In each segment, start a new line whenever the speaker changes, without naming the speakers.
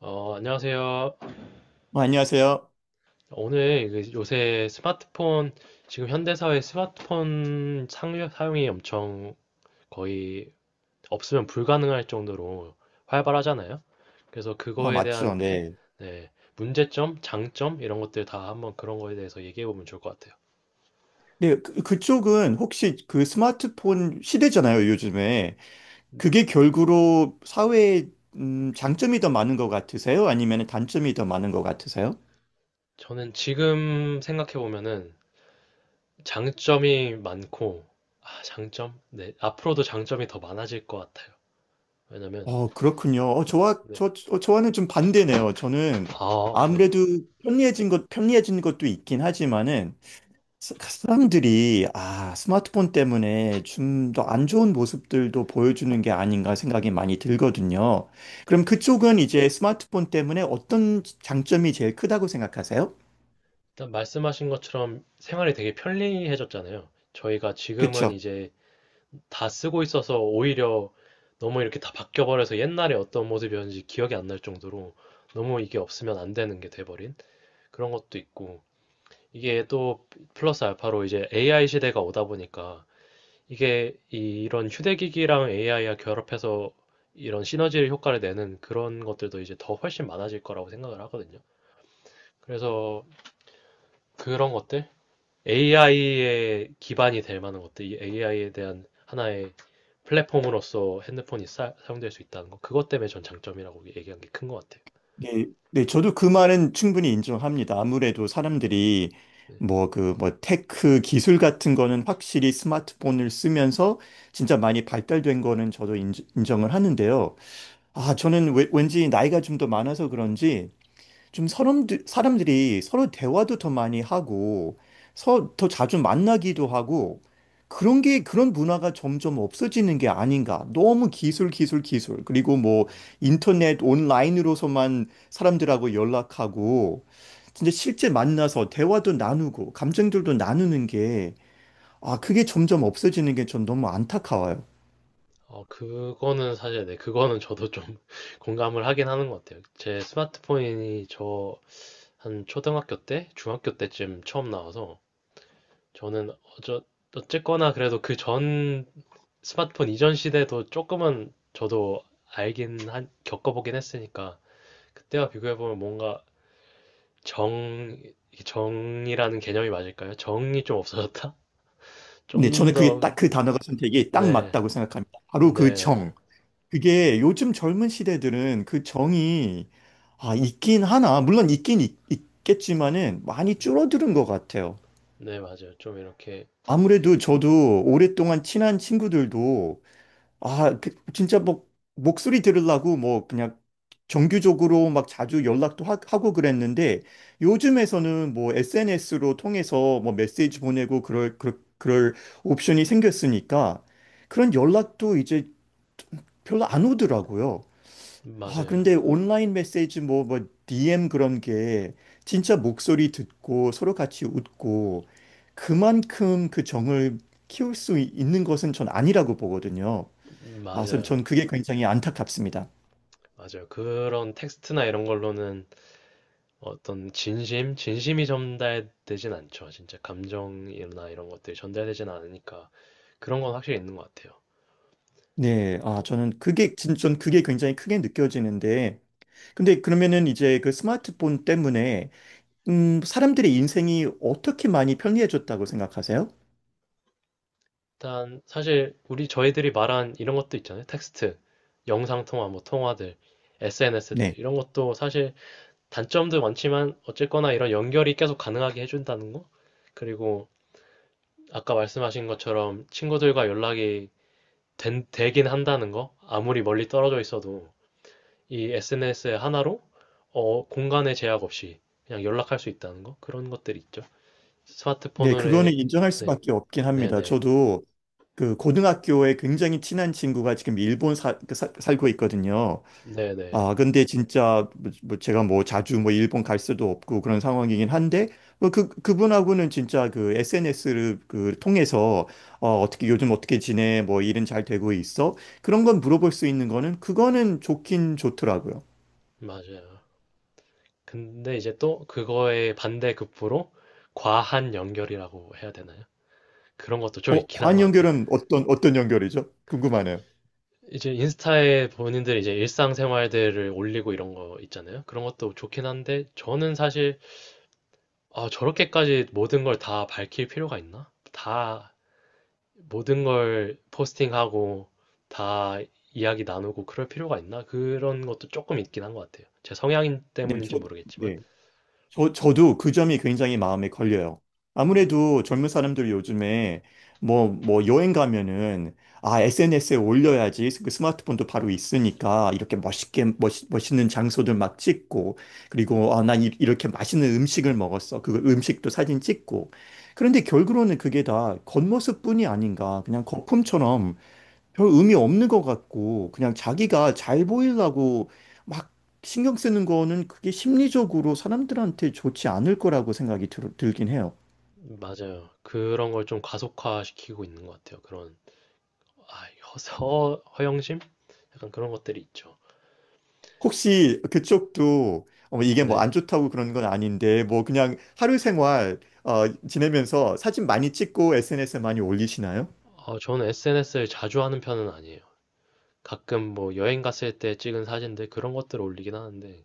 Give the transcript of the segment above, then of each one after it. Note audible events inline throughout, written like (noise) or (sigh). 안녕하세요.
안녕하세요.
오늘 그 요새 스마트폰, 지금 현대사회 스마트폰 사용이 엄청 거의 없으면 불가능할 정도로 활발하잖아요. 그래서 그거에
맞죠.
대한
네.
네, 문제점, 장점, 이런 것들 다 한번 그런 거에 대해서 얘기해 보면 좋을 것 같아요.
네, 그쪽은 혹시 그 스마트폰 시대잖아요, 요즘에. 그게 결국으로 사회에 장점이 더 많은 것 같으세요? 아니면 단점이 더 많은 것 같으세요?
저는 지금 생각해 보면은 장점이 많고, 아, 장점? 네, 앞으로도 장점이 더 많아질 것 같아요. 왜냐면,
그렇군요. 어, 저와,
네.
저, 저- 저와는 좀 반대네요. 저는
아, 네.
아무래도 편리해진 것도 있긴 하지만은 사람들이 스마트폰 때문에 좀 더 안 좋은 모습들도 보여주는 게 아닌가 생각이 많이
음,
들거든요. 그럼 그쪽은 이제 스마트폰 때문에 어떤 장점이 제일 크다고 생각하세요?
일단 말씀하신 것처럼 생활이 되게 편리해졌잖아요. 저희가 지금은
그렇죠.
이제 다 쓰고 있어서 오히려 너무 이렇게 다 바뀌어버려서 옛날에 어떤 모습이었는지 기억이 안 날 정도로 너무 이게 없으면 안 되는 게 돼버린 그런 것도 있고 이게 또 플러스 알파로 이제 AI 시대가 오다 보니까 이게 이런 휴대기기랑 AI와 결합해서 이런 시너지 효과를 내는 그런 것들도 이제 더 훨씬 많아질 거라고 생각을 하거든요. 그래서 그런 것들? AI의 기반이 될 만한 것들, 이 AI에 대한 하나의 플랫폼으로서 핸드폰이 사용될 수 있다는 거, 그것 때문에 전 장점이라고 얘기한 게 큰 것 같아요.
네, 네, 저도 그 말은 충분히 인정합니다. 아무래도 사람들이
네.
뭐 그 뭐 테크 기술 같은 거는 확실히 스마트폰을 쓰면서 진짜 많이 발달된 거는 저도 정을 하는데요. 저는 왠지 나이가 좀 더 많아서 그런지 좀 사람들이 서로 대화도 더 많이 하고, 더 자주 만나기도 하고, 그런 문화가 점점 없어지는 게 아닌가. 너무 기술, 기술, 기술. 그리고 뭐, 인터넷 온라인으로서만 사람들하고 연락하고, 진짜 실제 만나서 대화도 나누고, 감정들도 나누는 게, 그게 점점 없어지는 게 전 너무 안타까워요.
어, 그거는 사실, 네, 그거는 저도 좀 (laughs) 공감을 하긴 하는 것 같아요. 제 스마트폰이 저 한 초등학교 때, 중학교 때쯤 처음 나와서, 저는 어쨌거나 그래도 그 전 스마트폰 이전 시대도 조금은 저도 알긴 한, 겪어보긴 했으니까, 그때와 비교해보면 뭔가 정 정이라는 개념이 맞을까요? 정이 좀 없어졌다? (laughs)
네,
좀
저는 그게
더,
딱 그 단어가 선택이 딱
네,
맞다고 생각합니다. 바로 그
네,
정. 그게 요즘 젊은 시대들은 그 정이 있긴 하나. 물론 겠지만은 많이 줄어드는 것 같아요.
네, 맞아요. 좀 이렇게,
아무래도 저도 오랫동안 친한 친구들도 진짜 뭐 목소리 들으려고 뭐 그냥 정규적으로 막 자주 연락도 고 그랬는데 요즘에서는 뭐 SNS로 통해서 뭐 메시지 보내고 그럴 옵션이 생겼으니까 그런 연락도 이제 별로 안 오더라고요.
맞아요.
근데 온라인 메시지 DM 그런 게 진짜 목소리 듣고 서로 같이 웃고 그만큼 그 정을 키울 수 있는 것은 전 아니라고 보거든요. 아, 전,
맞아요.
전 그게 굉장히 안타깝습니다.
맞아요. 그런 텍스트나 이런 걸로는 어떤 진심, 진심이 전달되진 않죠. 진짜 감정이나 이런 것들이 전달되진 않으니까 그런 건 확실히 있는 것 같아요.
네,
또
전 그게 굉장히 크게 느껴지는데. 근데 그러면은 이제 그 스마트폰 때문에, 사람들의 인생이 어떻게 많이 편리해졌다고 생각하세요?
일단 사실 우리 저희들이 말한 이런 것도 있잖아요. 텍스트, 영상통화, 뭐 통화들,
네.
SNS들 이런 것도 사실 단점도 많지만 어쨌거나 이런 연결이 계속 가능하게 해준다는 거? 그리고 아까 말씀하신 것처럼 친구들과 연락이 되긴 한다는 거? 아무리 멀리 떨어져 있어도 이 SNS 하나로 어, 공간의 제약 없이 그냥 연락할 수 있다는 거? 그런 것들이 있죠.
네, 그거는
스마트폰으로의
인정할
네,
수밖에 없긴
네,
합니다.
네,
저도 그 고등학교에 굉장히 친한 친구가 지금 일본 살고 있거든요.
네, 네,
근데 진짜 뭐 제가 뭐 자주 뭐 일본 갈 수도 없고 그런 상황이긴 한데 뭐 그분하고는 진짜 그 SNS를 그 통해서 어떻게 요즘 어떻게 지내? 뭐 일은 잘 되고 있어? 그런 건 물어볼 수 있는 거는 그거는 좋긴 좋더라고요.
맞아요. 근데 이제 또 그거의 반대 급부로 과한 연결이라고 해야 되나요? 그런 것도 좀 있긴 한
과한
것 같아요.
연결은 어떤 연결이죠? 궁금하네요.
이제 인스타에 본인들 이제 일상생활들을 올리고 이런 거 있잖아요. 그런 것도 좋긴 한데 저는 사실 아, 저렇게까지 모든 걸 다 밝힐 필요가 있나? 다 모든 걸 포스팅하고 다 이야기 나누고 그럴 필요가 있나? 그런 것도 조금 있긴 한 것 같아요. 제 성향
네,
때문인지
저,
모르겠지만.
저, 저도 그 점이 굉장히
네,
마음에 걸려요.
네,
아무래도 젊은 사람들 요즘에 뭐 여행 가면은 SNS에 올려야지 그 스마트폰도 바로 있으니까 이렇게 멋있는 장소들 막 찍고 그리고 난 이렇게 맛있는 음식을 먹었어. 그 음식도 사진 찍고. 그런데 결국은 그게 다 겉모습뿐이 아닌가. 그냥 거품처럼 별 의미 없는 것 같고 그냥 자기가 잘 보이려고 막 신경 쓰는 거는 그게 심리적으로 사람들한테 좋지 않을 거라고 생각이 들긴 해요.
맞아요. 그런 걸 좀 가속화시키고 있는 것 같아요. 그런 아, 허, 허영심? 약간 그런 것들이 있죠.
혹시 그쪽도 이게 뭐 안
네.
좋다고 그런 건 아닌데 뭐 그냥 하루 생활 지내면서 사진 많이 찍고 SNS에 많이 올리시나요?
어, 저는 SNS를 자주 하는 편은 아니에요. 가끔 뭐 여행 갔을 때 찍은 사진들 그런 것들을 올리긴 하는데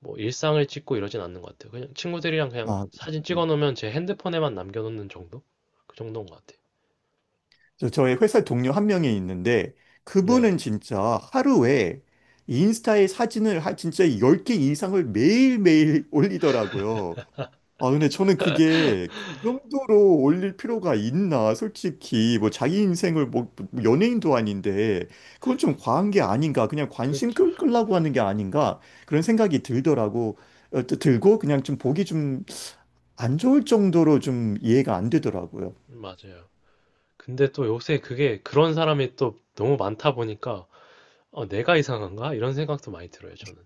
뭐 일상을 찍고 이러진 않는 것 같아요. 그냥 친구들이랑 그냥
아, 그
사진
렇
찍어 놓으면 제 핸드폰에만 남겨놓는 정도? 그 정도인 것 같아요.
저의 회사 동료 한 명이 있는데 그분은
네,
진짜 하루에 인스타에 사진을 한 진짜 10개 이상을 매일매일 (laughs) 올리더라고요. 근데 저는 그게 그 정도로 올릴 필요가 있나? 솔직히, 뭐, 자기 인생을 뭐 연예인도 아닌데, 그건 좀 과한 게 아닌가? 그냥 관심
그렇죠.
끌라고 하는 게 아닌가? 그런 생각이 들더라고. 또 들고, 그냥 좀 보기 좀 안 좋을 정도로 좀 이해가 안 되더라고요.
맞아요. 근데 또 요새 그게 그런 사람이 또 너무 많다 보니까 어, 내가 이상한가? 이런 생각도 많이 들어요, 저는.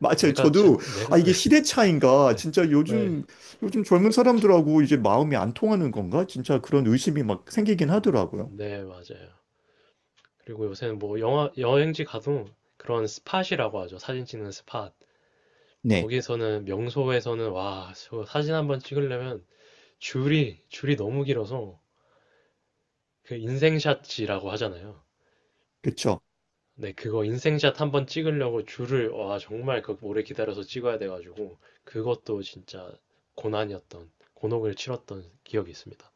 맞아요.
내가 자,
저도,
내가
이게 시대
(laughs)
차인가?
네,
진짜
네,
요즘 젊은 사람들하고 이제 마음이 안 통하는 건가? 진짜 그런 의심이 막 생기긴
네,
하더라고요.
네, 맞아요. 그리고 요새는 뭐 영화, 여행지 가도 그런 스팟이라고 하죠. 사진 찍는 스팟.
네.
거기서는 명소에서는 와, 저 사진 한번 찍으려면 줄이 너무 길어서 그 인생샷이라고 하잖아요.
그쵸.
네, 그거 인생샷 한번 찍으려고 줄을, 와, 정말 그 오래 기다려서 찍어야 돼가지고 그것도 진짜 고난이었던, 곤혹을 치렀던 기억이 있습니다.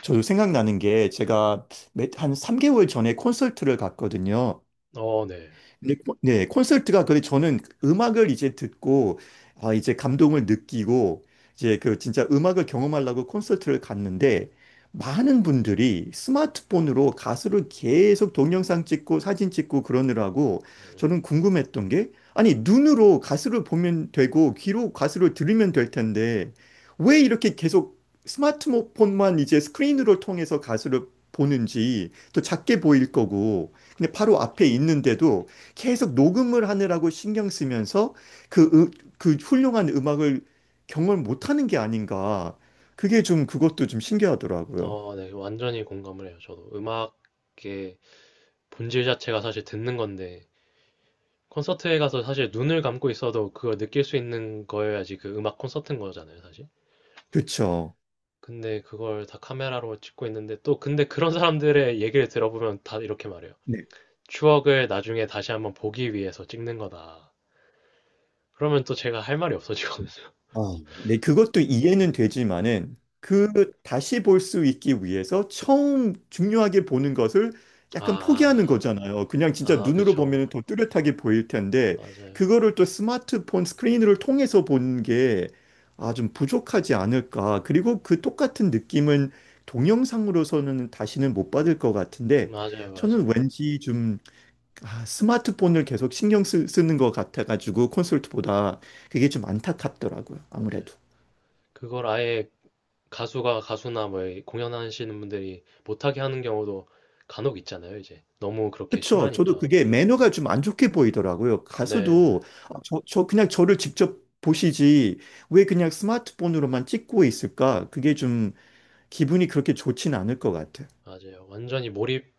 저 생각나는 게 제가 한 3개월 전에 콘서트를 갔거든요.
어, 네.
근데 네, 콘서트가 그래 저는 음악을 이제 듣고 이제 감동을 느끼고 이제 그 진짜 음악을 경험하려고 콘서트를 갔는데 많은 분들이 스마트폰으로 가수를 계속 동영상 찍고 사진 찍고 그러느라고
음,
저는 궁금했던 게 아니 눈으로 가수를 보면 되고 귀로 가수를 들으면 될 텐데 왜 이렇게 계속 스마트폰만 이제 스크린으로 통해서 가수를 보는지 또 작게 보일 거고 근데 바로 앞에 있는데도 계속 녹음을 하느라고 신경 쓰면서 그, 으- 그 훌륭한 음악을 경험을 못하는 게 아닌가. 그게 좀 그것도 좀 신기하더라고요.
어, 네. 완전히 공감을 해요. 저도 음악의 본질 자체가 사실 듣는 건데 콘서트에 가서 사실 눈을 감고 있어도 그걸 느낄 수 있는 거여야지 그 음악 콘서트인 거잖아요, 사실.
그쵸.
근데 그걸 다 카메라로 찍고 있는데 또 근데 그런 (laughs) 사람들의 얘기를 들어보면 다 이렇게 말해요. 추억을 나중에 다시 한번 보기 위해서 찍는 거다. 그러면 또 제가 할 말이 없어지거든요.
아, 네, 그것도 이해는
(laughs) 네.
되지만은 그 다시 볼 수 있기 위해서 처음 중요하게 보는 것을
아,
약간 포기하는
아,
거잖아요. 그냥 진짜
아, 아,
눈으로
그쵸.
보면 더 뚜렷하게 보일 텐데
맞아요.
그거를 또 스마트폰 스크린을 통해서 보는 게 좀 부족하지 않을까. 그리고 그 똑같은 느낌은 동영상으로서는 다시는 못 받을 것 같은데
맞아요,
저는
맞아요,
왠지 좀 스마트폰을 계속 신경 는것 같아가지고 콘솔트보다 그게 좀 안타깝더라고요.
맞아요.
아무래도.
그걸 아예 가수가 가수나 뭐 공연하시는 분들이 못하게 하는 경우도 간혹 있잖아요, 이제. 너무 그렇게
그쵸. 저도
심하니까.
그게 매너가 좀 안 좋게 보이더라고요.
네.
가수도 저 그냥 저를 직접 보시지 왜 그냥 스마트폰으로만 찍고 있을까? 그게 좀 기분이 그렇게 좋진 않을 것 같아요.
맞아요. 완전히 몰입,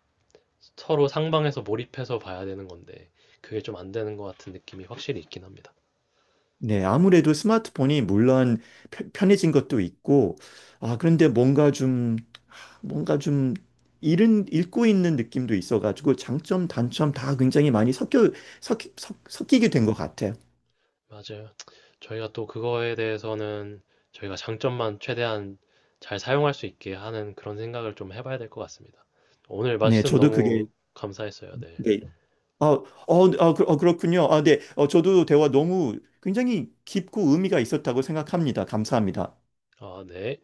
서로 상방에서 몰입해서 봐야 되는 건데, 그게 좀 안 되는 것 같은 느낌이 확실히 있긴 합니다.
네, 아무래도 스마트폰이 물론 편해진 것도 있고, 그런데 뭔가 좀 읽고 있는 느낌도 있어가지고 장점, 단점 다 굉장히 많이 섞이게 된 것 같아요.
맞아요. 저희가 또 그거에 대해서는 저희가 장점만 최대한 잘 사용할 수 있게 하는 그런 생각을 좀 해봐야 될 것 같습니다. 오늘
네,
말씀
저도 그게,
너무 감사했어요. 네.
네. 그렇군요. 네. 저도 대화 너무 굉장히 깊고 의미가 있었다고 생각합니다. 감사합니다.
아, 네.